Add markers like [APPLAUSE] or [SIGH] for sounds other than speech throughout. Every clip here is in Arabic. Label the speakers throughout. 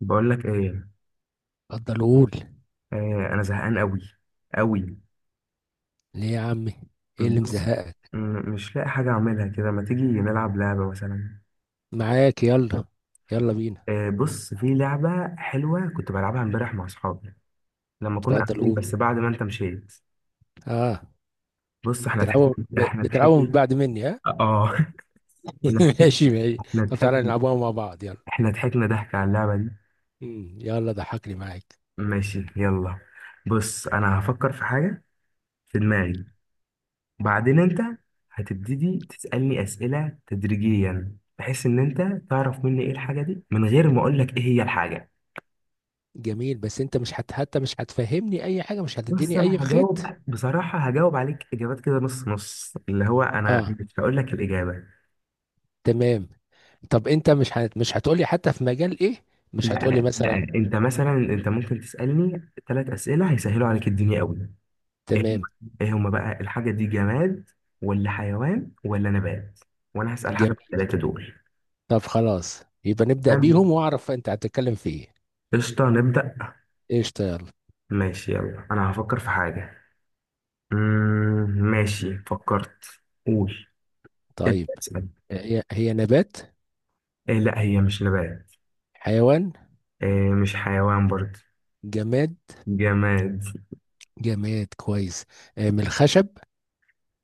Speaker 1: بقول لك ايه؟
Speaker 2: اتفضل قول.
Speaker 1: آه، انا زهقان قوي قوي.
Speaker 2: ليه يا عمي؟ ايه اللي مزهقك؟
Speaker 1: مش لاقي حاجه اعملها كده، ما تيجي نلعب لعبه مثلا؟
Speaker 2: معاك، يلا. يلا بينا.
Speaker 1: آه بص، في لعبه حلوه كنت بلعبها امبارح مع اصحابي لما كنا
Speaker 2: اتفضل
Speaker 1: قاعدين،
Speaker 2: قول.
Speaker 1: بس بعد ما انت مشيت.
Speaker 2: اه،
Speaker 1: بص احنا ضحكنا احنا
Speaker 2: بتلعبوا من
Speaker 1: ضحكنا.
Speaker 2: بعد مني، ها؟
Speaker 1: اه [LAUGHS] احنا
Speaker 2: [LAUGHS]
Speaker 1: ضحكنا
Speaker 2: ماشي ماشي.
Speaker 1: احنا
Speaker 2: طب تعالى
Speaker 1: ضحكنا
Speaker 2: نلعبوها مع بعض، يلا.
Speaker 1: احنا ضحكنا ضحك على اللعبه دي.
Speaker 2: يلا ضحكني معاك.
Speaker 1: ماشي يلا. بص انا هفكر في حاجه في دماغي، بعدين انت هتبتدي تسألني أسئلة تدريجيا بحيث ان انت تعرف مني ايه الحاجة دي من غير ما اقول لك ايه هي الحاجة.
Speaker 2: جميل، بس انت مش هت... حتى مش هتفهمني اي حاجه، مش
Speaker 1: بص
Speaker 2: هتديني اي
Speaker 1: انا هجاوب
Speaker 2: خيط.
Speaker 1: بصراحة، هجاوب عليك اجابات كده نص نص، اللي هو انا
Speaker 2: اه،
Speaker 1: مش هقول لك الإجابة.
Speaker 2: تمام. طب انت مش هتقولي حتى في مجال ايه؟ مش هتقولي
Speaker 1: لا لا،
Speaker 2: مثلا.
Speaker 1: انت مثلا انت ممكن تسألني ثلاث أسئلة هيسهلوا عليك الدنيا قوي. ايه هم
Speaker 2: تمام.
Speaker 1: ايه هما بقى الحاجة دي، جماد ولا حيوان ولا نبات؟ وانا هسأل حاجة في
Speaker 2: جميل.
Speaker 1: الثلاثة دول.
Speaker 2: طب خلاص يبقى نبدأ
Speaker 1: تمام،
Speaker 2: بيهم واعرف انت هتتكلم في ايه.
Speaker 1: قشطة، نبدأ.
Speaker 2: قشطة.
Speaker 1: ماشي يلا، انا هفكر في حاجة. ماشي فكرت. قول، ابدأ
Speaker 2: طيب،
Speaker 1: اسأل.
Speaker 2: هي نبات؟
Speaker 1: إيه لا، هي مش نبات.
Speaker 2: حيوان؟
Speaker 1: إيه مش حيوان برضه.
Speaker 2: جماد؟
Speaker 1: جماد.
Speaker 2: جماد، كويس. من الخشب.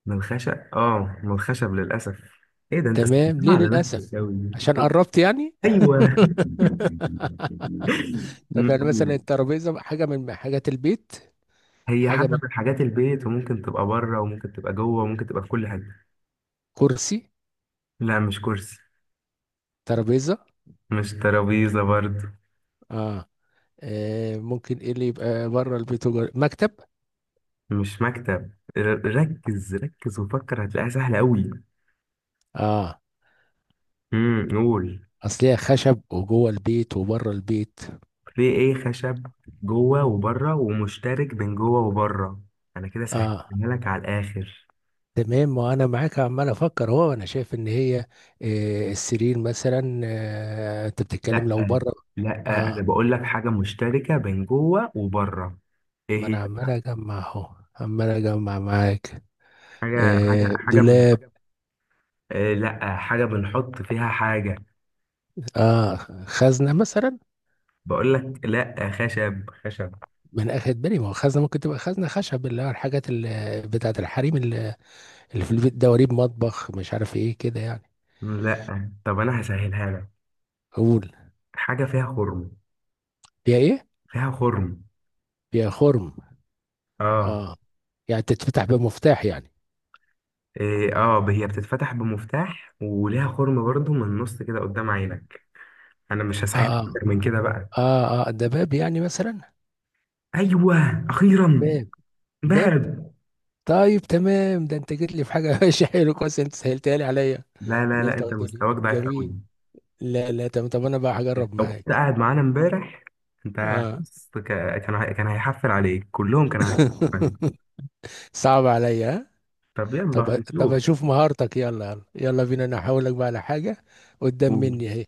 Speaker 1: من الخشب، اه من الخشب للأسف. ايه ده، انت سألتها
Speaker 2: تمام، ليه
Speaker 1: على
Speaker 2: للأسف؟
Speaker 1: نفسك أوي.
Speaker 2: عشان قربت يعني.
Speaker 1: ايوه [LAUGHS]
Speaker 2: [LAUGHS] طب يعني مثلا
Speaker 1: قول.
Speaker 2: الترابيزة حاجة من حاجات البيت.
Speaker 1: هي
Speaker 2: حاجة
Speaker 1: حاجة
Speaker 2: من
Speaker 1: من حاجات البيت، وممكن تبقى بره وممكن تبقى جوه وممكن تبقى في كل حاجة.
Speaker 2: كرسي؟
Speaker 1: لا مش كرسي.
Speaker 2: ترابيزة؟
Speaker 1: مش ترابيزة برضه.
Speaker 2: اه. آه، ممكن ايه اللي يبقى بره البيت وجوه؟ مكتب؟
Speaker 1: مش مكتب. ركز ركز وفكر، هتلاقيها سهلة أوي.
Speaker 2: اه،
Speaker 1: قول.
Speaker 2: اصل هي خشب وجوه البيت وبره البيت.
Speaker 1: في ايه؟ خشب جوه وبره ومشترك بين جوه وبره. انا كده سهلتها
Speaker 2: اه،
Speaker 1: لك على الاخر.
Speaker 2: تمام. ما انا معاك عمال افكر اهو. انا شايف ان هي... السرير مثلا. انت بتتكلم
Speaker 1: لا
Speaker 2: لو بره؟
Speaker 1: لا،
Speaker 2: اه.
Speaker 1: انا بقول لك حاجه مشتركه بين جوه وبره. ايه
Speaker 2: ما
Speaker 1: هي؟
Speaker 2: انا عمال اجمع اهو، عمال اجمع معاك.
Speaker 1: حاجه حاجه حاجه بن...
Speaker 2: دولاب؟
Speaker 1: إيه لا، حاجه بنحط فيها حاجه.
Speaker 2: اه، خزنه مثلا.
Speaker 1: بقول لك لا، خشب خشب.
Speaker 2: ما انا اخد بالي، ما هو خزنه ممكن تبقى خزنه خشب، اللي هو الحاجات اللي بتاعت الحريم اللي اللي في البيت، دواريب مطبخ، مش عارف ايه كده يعني.
Speaker 1: لا طب انا هسهلها لك.
Speaker 2: قول.
Speaker 1: حاجه فيها خرم.
Speaker 2: فيها ايه؟
Speaker 1: فيها خرم.
Speaker 2: فيها خرم.
Speaker 1: اه.
Speaker 2: اه. يعني تتفتح بمفتاح يعني؟
Speaker 1: إيه اه، هي بتتفتح بمفتاح وليها خرم برضو من النص كده قدام عينك. انا مش هسهل
Speaker 2: اه،
Speaker 1: اكتر من كده بقى.
Speaker 2: اه، اه، ده باب يعني مثلا.
Speaker 1: ايوه اخيرا.
Speaker 2: باب. باب.
Speaker 1: دهب.
Speaker 2: طيب تمام، ده انت جيت لي في حاجه. [LAUGHS] ماشي، حلو كويس، انت سهلتها لي عليا
Speaker 1: لا لا
Speaker 2: ان
Speaker 1: لا،
Speaker 2: انت
Speaker 1: انت
Speaker 2: قلت لي
Speaker 1: مستواك ضعيف قوي.
Speaker 2: جميل. لا لا، تمام. طب انا بقى هجرب
Speaker 1: لو كنت
Speaker 2: معاك.
Speaker 1: قاعد معانا امبارح، انت
Speaker 2: اه.
Speaker 1: بص كان هيحفل عليك، كلهم كانوا هيحفل عليك.
Speaker 2: [LAUGHS] صعب عليا، ها؟
Speaker 1: طب يلا
Speaker 2: طب طب
Speaker 1: نشوف.
Speaker 2: اشوف مهارتك، يلا يلا، يلا بينا. انا هقول لك بقى على حاجه قدام
Speaker 1: قول.
Speaker 2: مني اهي.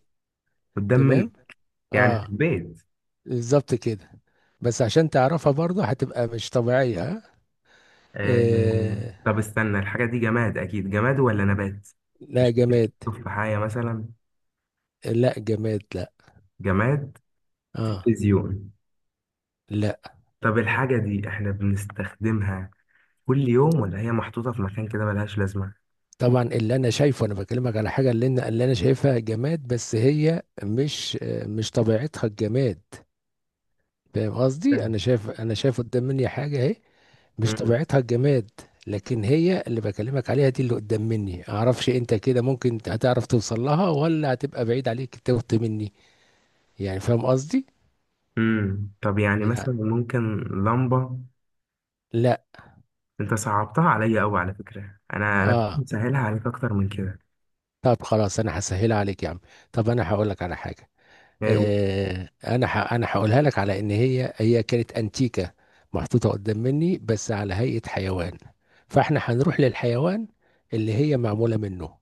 Speaker 1: قدام من؟
Speaker 2: تمام.
Speaker 1: يعني في
Speaker 2: اه،
Speaker 1: البيت.
Speaker 2: بالظبط كده. بس عشان تعرفها برضه هتبقى مش طبيعيه، ها.
Speaker 1: آه...
Speaker 2: آه.
Speaker 1: طب استنى، الحاجه دي جماد اكيد، جماد ولا نبات؟
Speaker 2: لا
Speaker 1: مش ممكن
Speaker 2: جماد،
Speaker 1: تشوف في حاجه مثلا.
Speaker 2: لا. جماد. لا.
Speaker 1: جماد.
Speaker 2: اه.
Speaker 1: تلفزيون.
Speaker 2: لا،
Speaker 1: طب الحاجه دي احنا بنستخدمها كل يوم ولا هي محطوطه في مكان كده ملهاش لازمه؟
Speaker 2: طبعا اللي انا شايفه انا بكلمك على حاجه، اللي انا اللي انا شايفها جماد بس هي مش... مش طبيعتها الجماد. فاهم قصدي؟
Speaker 1: فاهم.
Speaker 2: انا شايف قدام مني حاجه اهي مش
Speaker 1: مم.
Speaker 2: طبيعتها الجماد. لكن هي اللي بكلمك عليها دي، اللي قدام مني، اعرفش انت كده ممكن هتعرف توصل لها ولا هتبقى بعيد عليك توت مني، يعني. فاهم قصدي؟
Speaker 1: مم. طب يعني
Speaker 2: يعني.
Speaker 1: مثلا ممكن لمبة؟
Speaker 2: لا.
Speaker 1: انت صعبتها عليا قوي على فكرة، انا كنت
Speaker 2: اه.
Speaker 1: مسهلها عليك اكتر من كده.
Speaker 2: طب خلاص انا هسهلها عليك يا عم. طب انا هقول لك على حاجه.
Speaker 1: يعني
Speaker 2: انا هقولها لك على ان هي كانت انتيكه، محطوطه قدام مني بس على هيئه حيوان. فاحنا هنروح للحيوان اللي هي معموله منه.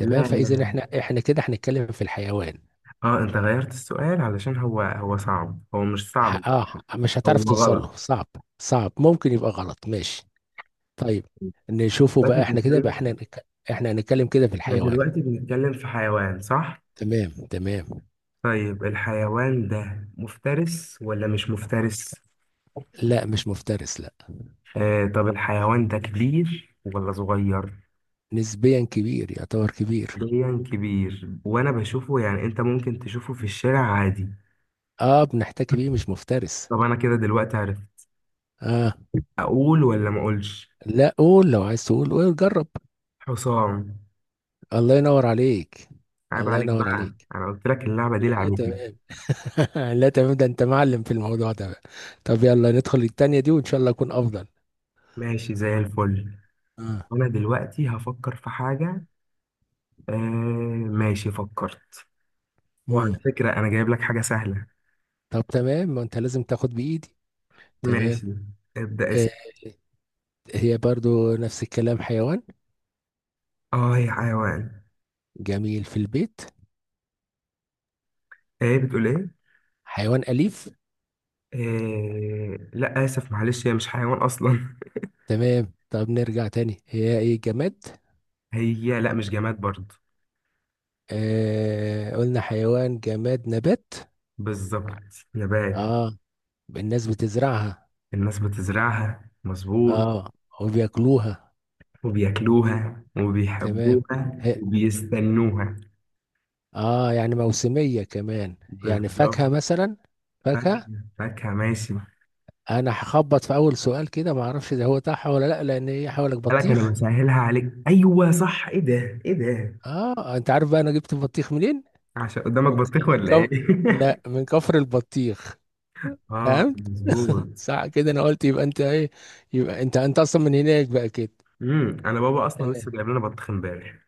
Speaker 1: لا لا
Speaker 2: فاذا
Speaker 1: لا.
Speaker 2: احنا كده هنتكلم في الحيوان.
Speaker 1: اه انت غيرت السؤال، علشان هو صعب، هو مش صعب،
Speaker 2: اه. مش هتعرف
Speaker 1: هو
Speaker 2: توصل
Speaker 1: غلط.
Speaker 2: له، صعب. صعب ممكن يبقى غلط، ماشي. طيب نشوفه
Speaker 1: دلوقتي
Speaker 2: بقى. احنا كده بقى احنا
Speaker 1: بنتكلم،
Speaker 2: نك- احنا هنتكلم كده في
Speaker 1: احنا
Speaker 2: الحيوان.
Speaker 1: دلوقتي بنتكلم في حيوان صح؟
Speaker 2: تمام، تمام.
Speaker 1: طيب الحيوان ده مفترس ولا مش مفترس؟
Speaker 2: لا، مش مفترس، لا.
Speaker 1: آه طب الحيوان ده كبير ولا صغير؟
Speaker 2: نسبيا كبير، يعتبر كبير.
Speaker 1: حاليا كبير وانا بشوفه، يعني انت ممكن تشوفه في الشارع عادي.
Speaker 2: اه بنحتكي بيه، مش مفترس.
Speaker 1: طب انا كده دلوقتي عرفت.
Speaker 2: اه.
Speaker 1: اقول ولا ما اقولش؟
Speaker 2: لا، قول لو عايز تقول، قول جرب.
Speaker 1: حسام.
Speaker 2: الله ينور عليك.
Speaker 1: عيب
Speaker 2: الله
Speaker 1: عليك
Speaker 2: ينور
Speaker 1: بقى،
Speaker 2: عليك.
Speaker 1: انا قلت لك اللعبه دي
Speaker 2: لا
Speaker 1: لعبتنا.
Speaker 2: تمام. [LAUGHS] لا تمام، ده انت معلم في الموضوع ده بقى. طب يلا ندخل التانية دي وان شاء الله اكون افضل.
Speaker 1: ماشي زي الفل.
Speaker 2: اه.
Speaker 1: انا دلوقتي هفكر في حاجه. آه. ماشي فكرت.
Speaker 2: امم.
Speaker 1: وعلى فكره انا جايب لك حاجه سهله.
Speaker 2: طب تمام، ما انت لازم تاخد بايدي. تمام.
Speaker 1: ماشي. ابدا
Speaker 2: آه.
Speaker 1: اسال.
Speaker 2: هي برضو نفس الكلام، حيوان.
Speaker 1: اه هي حيوان.
Speaker 2: جميل في البيت.
Speaker 1: ايه؟ بتقول ايه؟
Speaker 2: حيوان أليف.
Speaker 1: آه لا اسف معلش، هي مش حيوان اصلا.
Speaker 2: تمام، طب نرجع تاني، هي ايه؟ جماد؟
Speaker 1: [LAUGHS] هي لا، مش جماد برضه.
Speaker 2: آه قلنا حيوان، جماد، نبات.
Speaker 1: بالظبط نبات.
Speaker 2: اه. الناس بتزرعها.
Speaker 1: الناس بتزرعها مظبوط.
Speaker 2: اه، وبياكلوها.
Speaker 1: وبياكلوها
Speaker 2: تمام.
Speaker 1: وبيحبوها
Speaker 2: هي.
Speaker 1: وبيستنوها.
Speaker 2: اه يعني موسمية كمان. يعني
Speaker 1: بالظبط.
Speaker 2: فاكهة مثلا. فاكهة.
Speaker 1: فاكهة، فاكهة ماشي.
Speaker 2: انا هخبط في اول سؤال كده، ما اعرفش ده هو صح ولا لا، لان هي حوالك
Speaker 1: قالك أنا
Speaker 2: بطيخ.
Speaker 1: بسهلها عليك. أيوة صح. إيه ده إيه ده؟
Speaker 2: اه انت عارف بقى انا جبت البطيخ منين؟
Speaker 1: عشان قدامك
Speaker 2: من ك-
Speaker 1: بطيخ
Speaker 2: من
Speaker 1: ولا
Speaker 2: كف...
Speaker 1: إيه؟
Speaker 2: لا،
Speaker 1: [LAUGHS]
Speaker 2: من كفر البطيخ.
Speaker 1: آه
Speaker 2: فهمت؟
Speaker 1: مظبوط.
Speaker 2: صح كده، انا قلت يبقى انت ايه، يبقى انت اصلا من هناك بقى كده.
Speaker 1: أنا بابا أصلا
Speaker 2: تمام.
Speaker 1: لسه جايب لنا بطيخ إمبارح.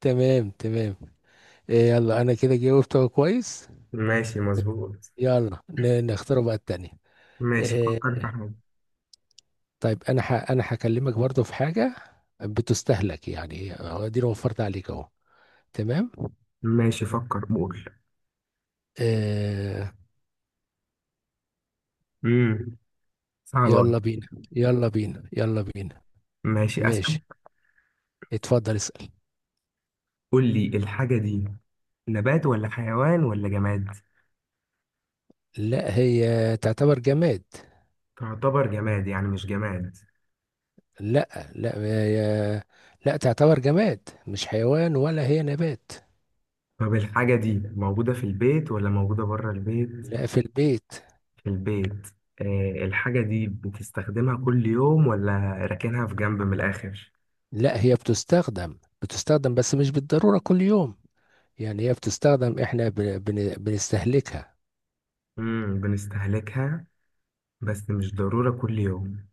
Speaker 2: تمام تمام. إيه، يلا انا كده جاوبت كويس.
Speaker 1: ماشي مظبوط.
Speaker 2: يلا نختار بقى التانية.
Speaker 1: ماشي
Speaker 2: إيه،
Speaker 1: فكر في حاجة.
Speaker 2: طيب، انا هكلمك برضو في حاجه بتستهلك يعني، هو دي أنا وفرت عليك اهو. تمام.
Speaker 1: ماشي فكر قول.
Speaker 2: آه.
Speaker 1: امم صعبة أوي.
Speaker 2: يلا بينا يلا بينا يلا بينا.
Speaker 1: ماشي أسأل.
Speaker 2: ماشي. اتفضل اسأل.
Speaker 1: قول لي الحاجة دي، نبات ولا حيوان ولا جماد؟
Speaker 2: لا هي تعتبر جماد.
Speaker 1: تعتبر جماد يعني مش جماد.
Speaker 2: لا لا هي... لا تعتبر جماد، مش حيوان ولا هي نبات.
Speaker 1: طب الحاجة دي موجودة في البيت ولا موجودة بره البيت؟
Speaker 2: لا، في البيت.
Speaker 1: في البيت. آه الحاجة دي بتستخدمها كل يوم ولا راكنها في جنب من الآخر؟
Speaker 2: لا، هي بتستخدم بس مش بالضرورة كل يوم. يعني هي بتستخدم، احنا بنستهلكها.
Speaker 1: بنستهلكها بس مش ضرورة كل يوم.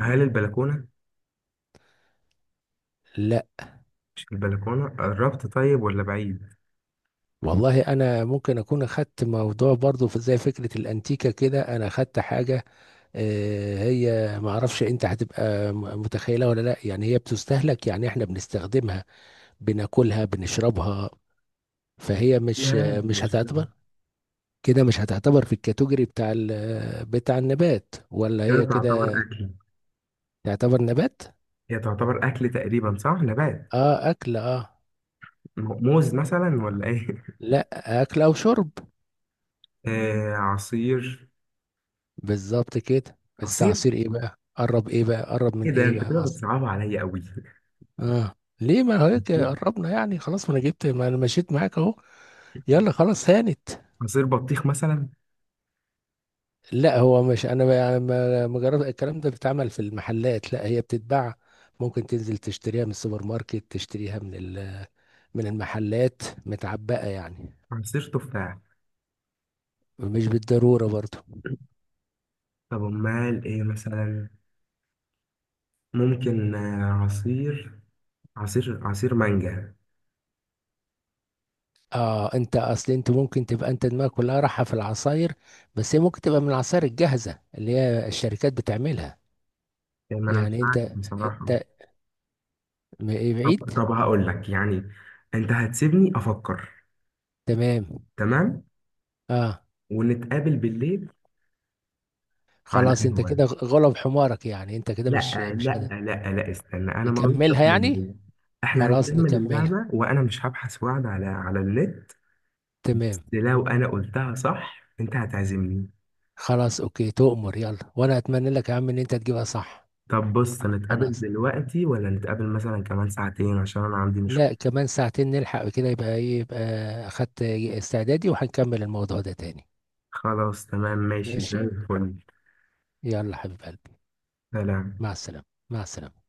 Speaker 1: هل البلكونة؟
Speaker 2: لا.
Speaker 1: مش البلكونة، قربت طيب ولا بعيد؟
Speaker 2: والله انا ممكن اكون اخدت موضوع برضو زي فكره الانتيكه كده، انا اخدت حاجه. هي ما اعرفش انت هتبقى متخيلها ولا لا. يعني هي بتستهلك، يعني احنا بنستخدمها، بناكلها، بنشربها. فهي مش...
Speaker 1: لا
Speaker 2: مش
Speaker 1: مش.
Speaker 2: هتعتبر كده، مش هتعتبر في الكاتيجوري بتاع بتاع النبات، ولا
Speaker 1: هي
Speaker 2: هي
Speaker 1: تعتبر
Speaker 2: كده.
Speaker 1: أكل.
Speaker 2: تعتبر نبات.
Speaker 1: هي تعتبر أكل تقريبا صح؟ نبات.
Speaker 2: اه، اكل، اه.
Speaker 1: موز مثلا ولا إيه؟
Speaker 2: لا، اكل او شرب.
Speaker 1: [LAUGHS] آه عصير.
Speaker 2: بالظبط كده. بس
Speaker 1: عصير؟
Speaker 2: عصير ايه بقى؟ قرب ايه بقى؟ قرب من
Speaker 1: إيه ده،
Speaker 2: ايه
Speaker 1: أنت
Speaker 2: بقى
Speaker 1: كده
Speaker 2: اصلا.
Speaker 1: بتصعبها عليا أوي.
Speaker 2: اه. ليه؟ ما هو هيك
Speaker 1: عصير.
Speaker 2: قربنا يعني خلاص. ما انا جبت، ما انا مشيت معاك اهو. يلا خلاص، هانت.
Speaker 1: عصير بطيخ مثلا.
Speaker 2: لا هو مش ما يعني ما جرب الكلام ده بيتعمل في المحلات. لا هي بتتباع، ممكن تنزل تشتريها من السوبر ماركت، تشتريها من من المحلات متعبئة يعني.
Speaker 1: عصير تفاح.
Speaker 2: مش بالضرورة برضو.
Speaker 1: طب امال ايه مثلا؟ ممكن آه، عصير عصير عصير مانجا.
Speaker 2: اه، انت اصل انت ممكن تبقى انت دماغك كلها رايحة في العصاير، بس هي ممكن تبقى من العصاير الجاهزة اللي هي الشركات بتعملها.
Speaker 1: يعني ما انا مش
Speaker 2: يعني انت
Speaker 1: عارف بصراحة.
Speaker 2: انت م- إيه،
Speaker 1: طب
Speaker 2: بعيد.
Speaker 1: طب هقول لك، يعني انت هتسيبني افكر.
Speaker 2: تمام.
Speaker 1: تمام.
Speaker 2: اه.
Speaker 1: ونتقابل بالليل على
Speaker 2: خلاص، انت
Speaker 1: القهوة.
Speaker 2: كده غلب حمارك، يعني انت كده
Speaker 1: لا
Speaker 2: مش
Speaker 1: لا
Speaker 2: قادر
Speaker 1: لا لا استنى، انا ما غلطتش
Speaker 2: نكملها
Speaker 1: في
Speaker 2: يعني.
Speaker 1: الموضوع. احنا
Speaker 2: خلاص
Speaker 1: هنكمل
Speaker 2: نكملها.
Speaker 1: اللعبة وانا مش هبحث وعد على النت.
Speaker 2: تمام.
Speaker 1: لو انا قلتها صح انت هتعزمني.
Speaker 2: خلاص، اوكي، تؤمر. يلا وانا اتمنى لك يا عم ان انت تجيبها صح.
Speaker 1: طب بص، نتقابل
Speaker 2: خلاص.
Speaker 1: دلوقتي ولا نتقابل مثلا كمان ساعتين عشان انا عندي مشوار؟
Speaker 2: لا، كمان ساعتين نلحق كده، يبقى ايه، يبقى اخدت استعدادي وهنكمل الموضوع ده تاني.
Speaker 1: خلاص تمام ماشي زي
Speaker 2: ماشي.
Speaker 1: الفل.
Speaker 2: يلا حبيب قلبي.
Speaker 1: سلام.
Speaker 2: مع السلامة. مع السلامة.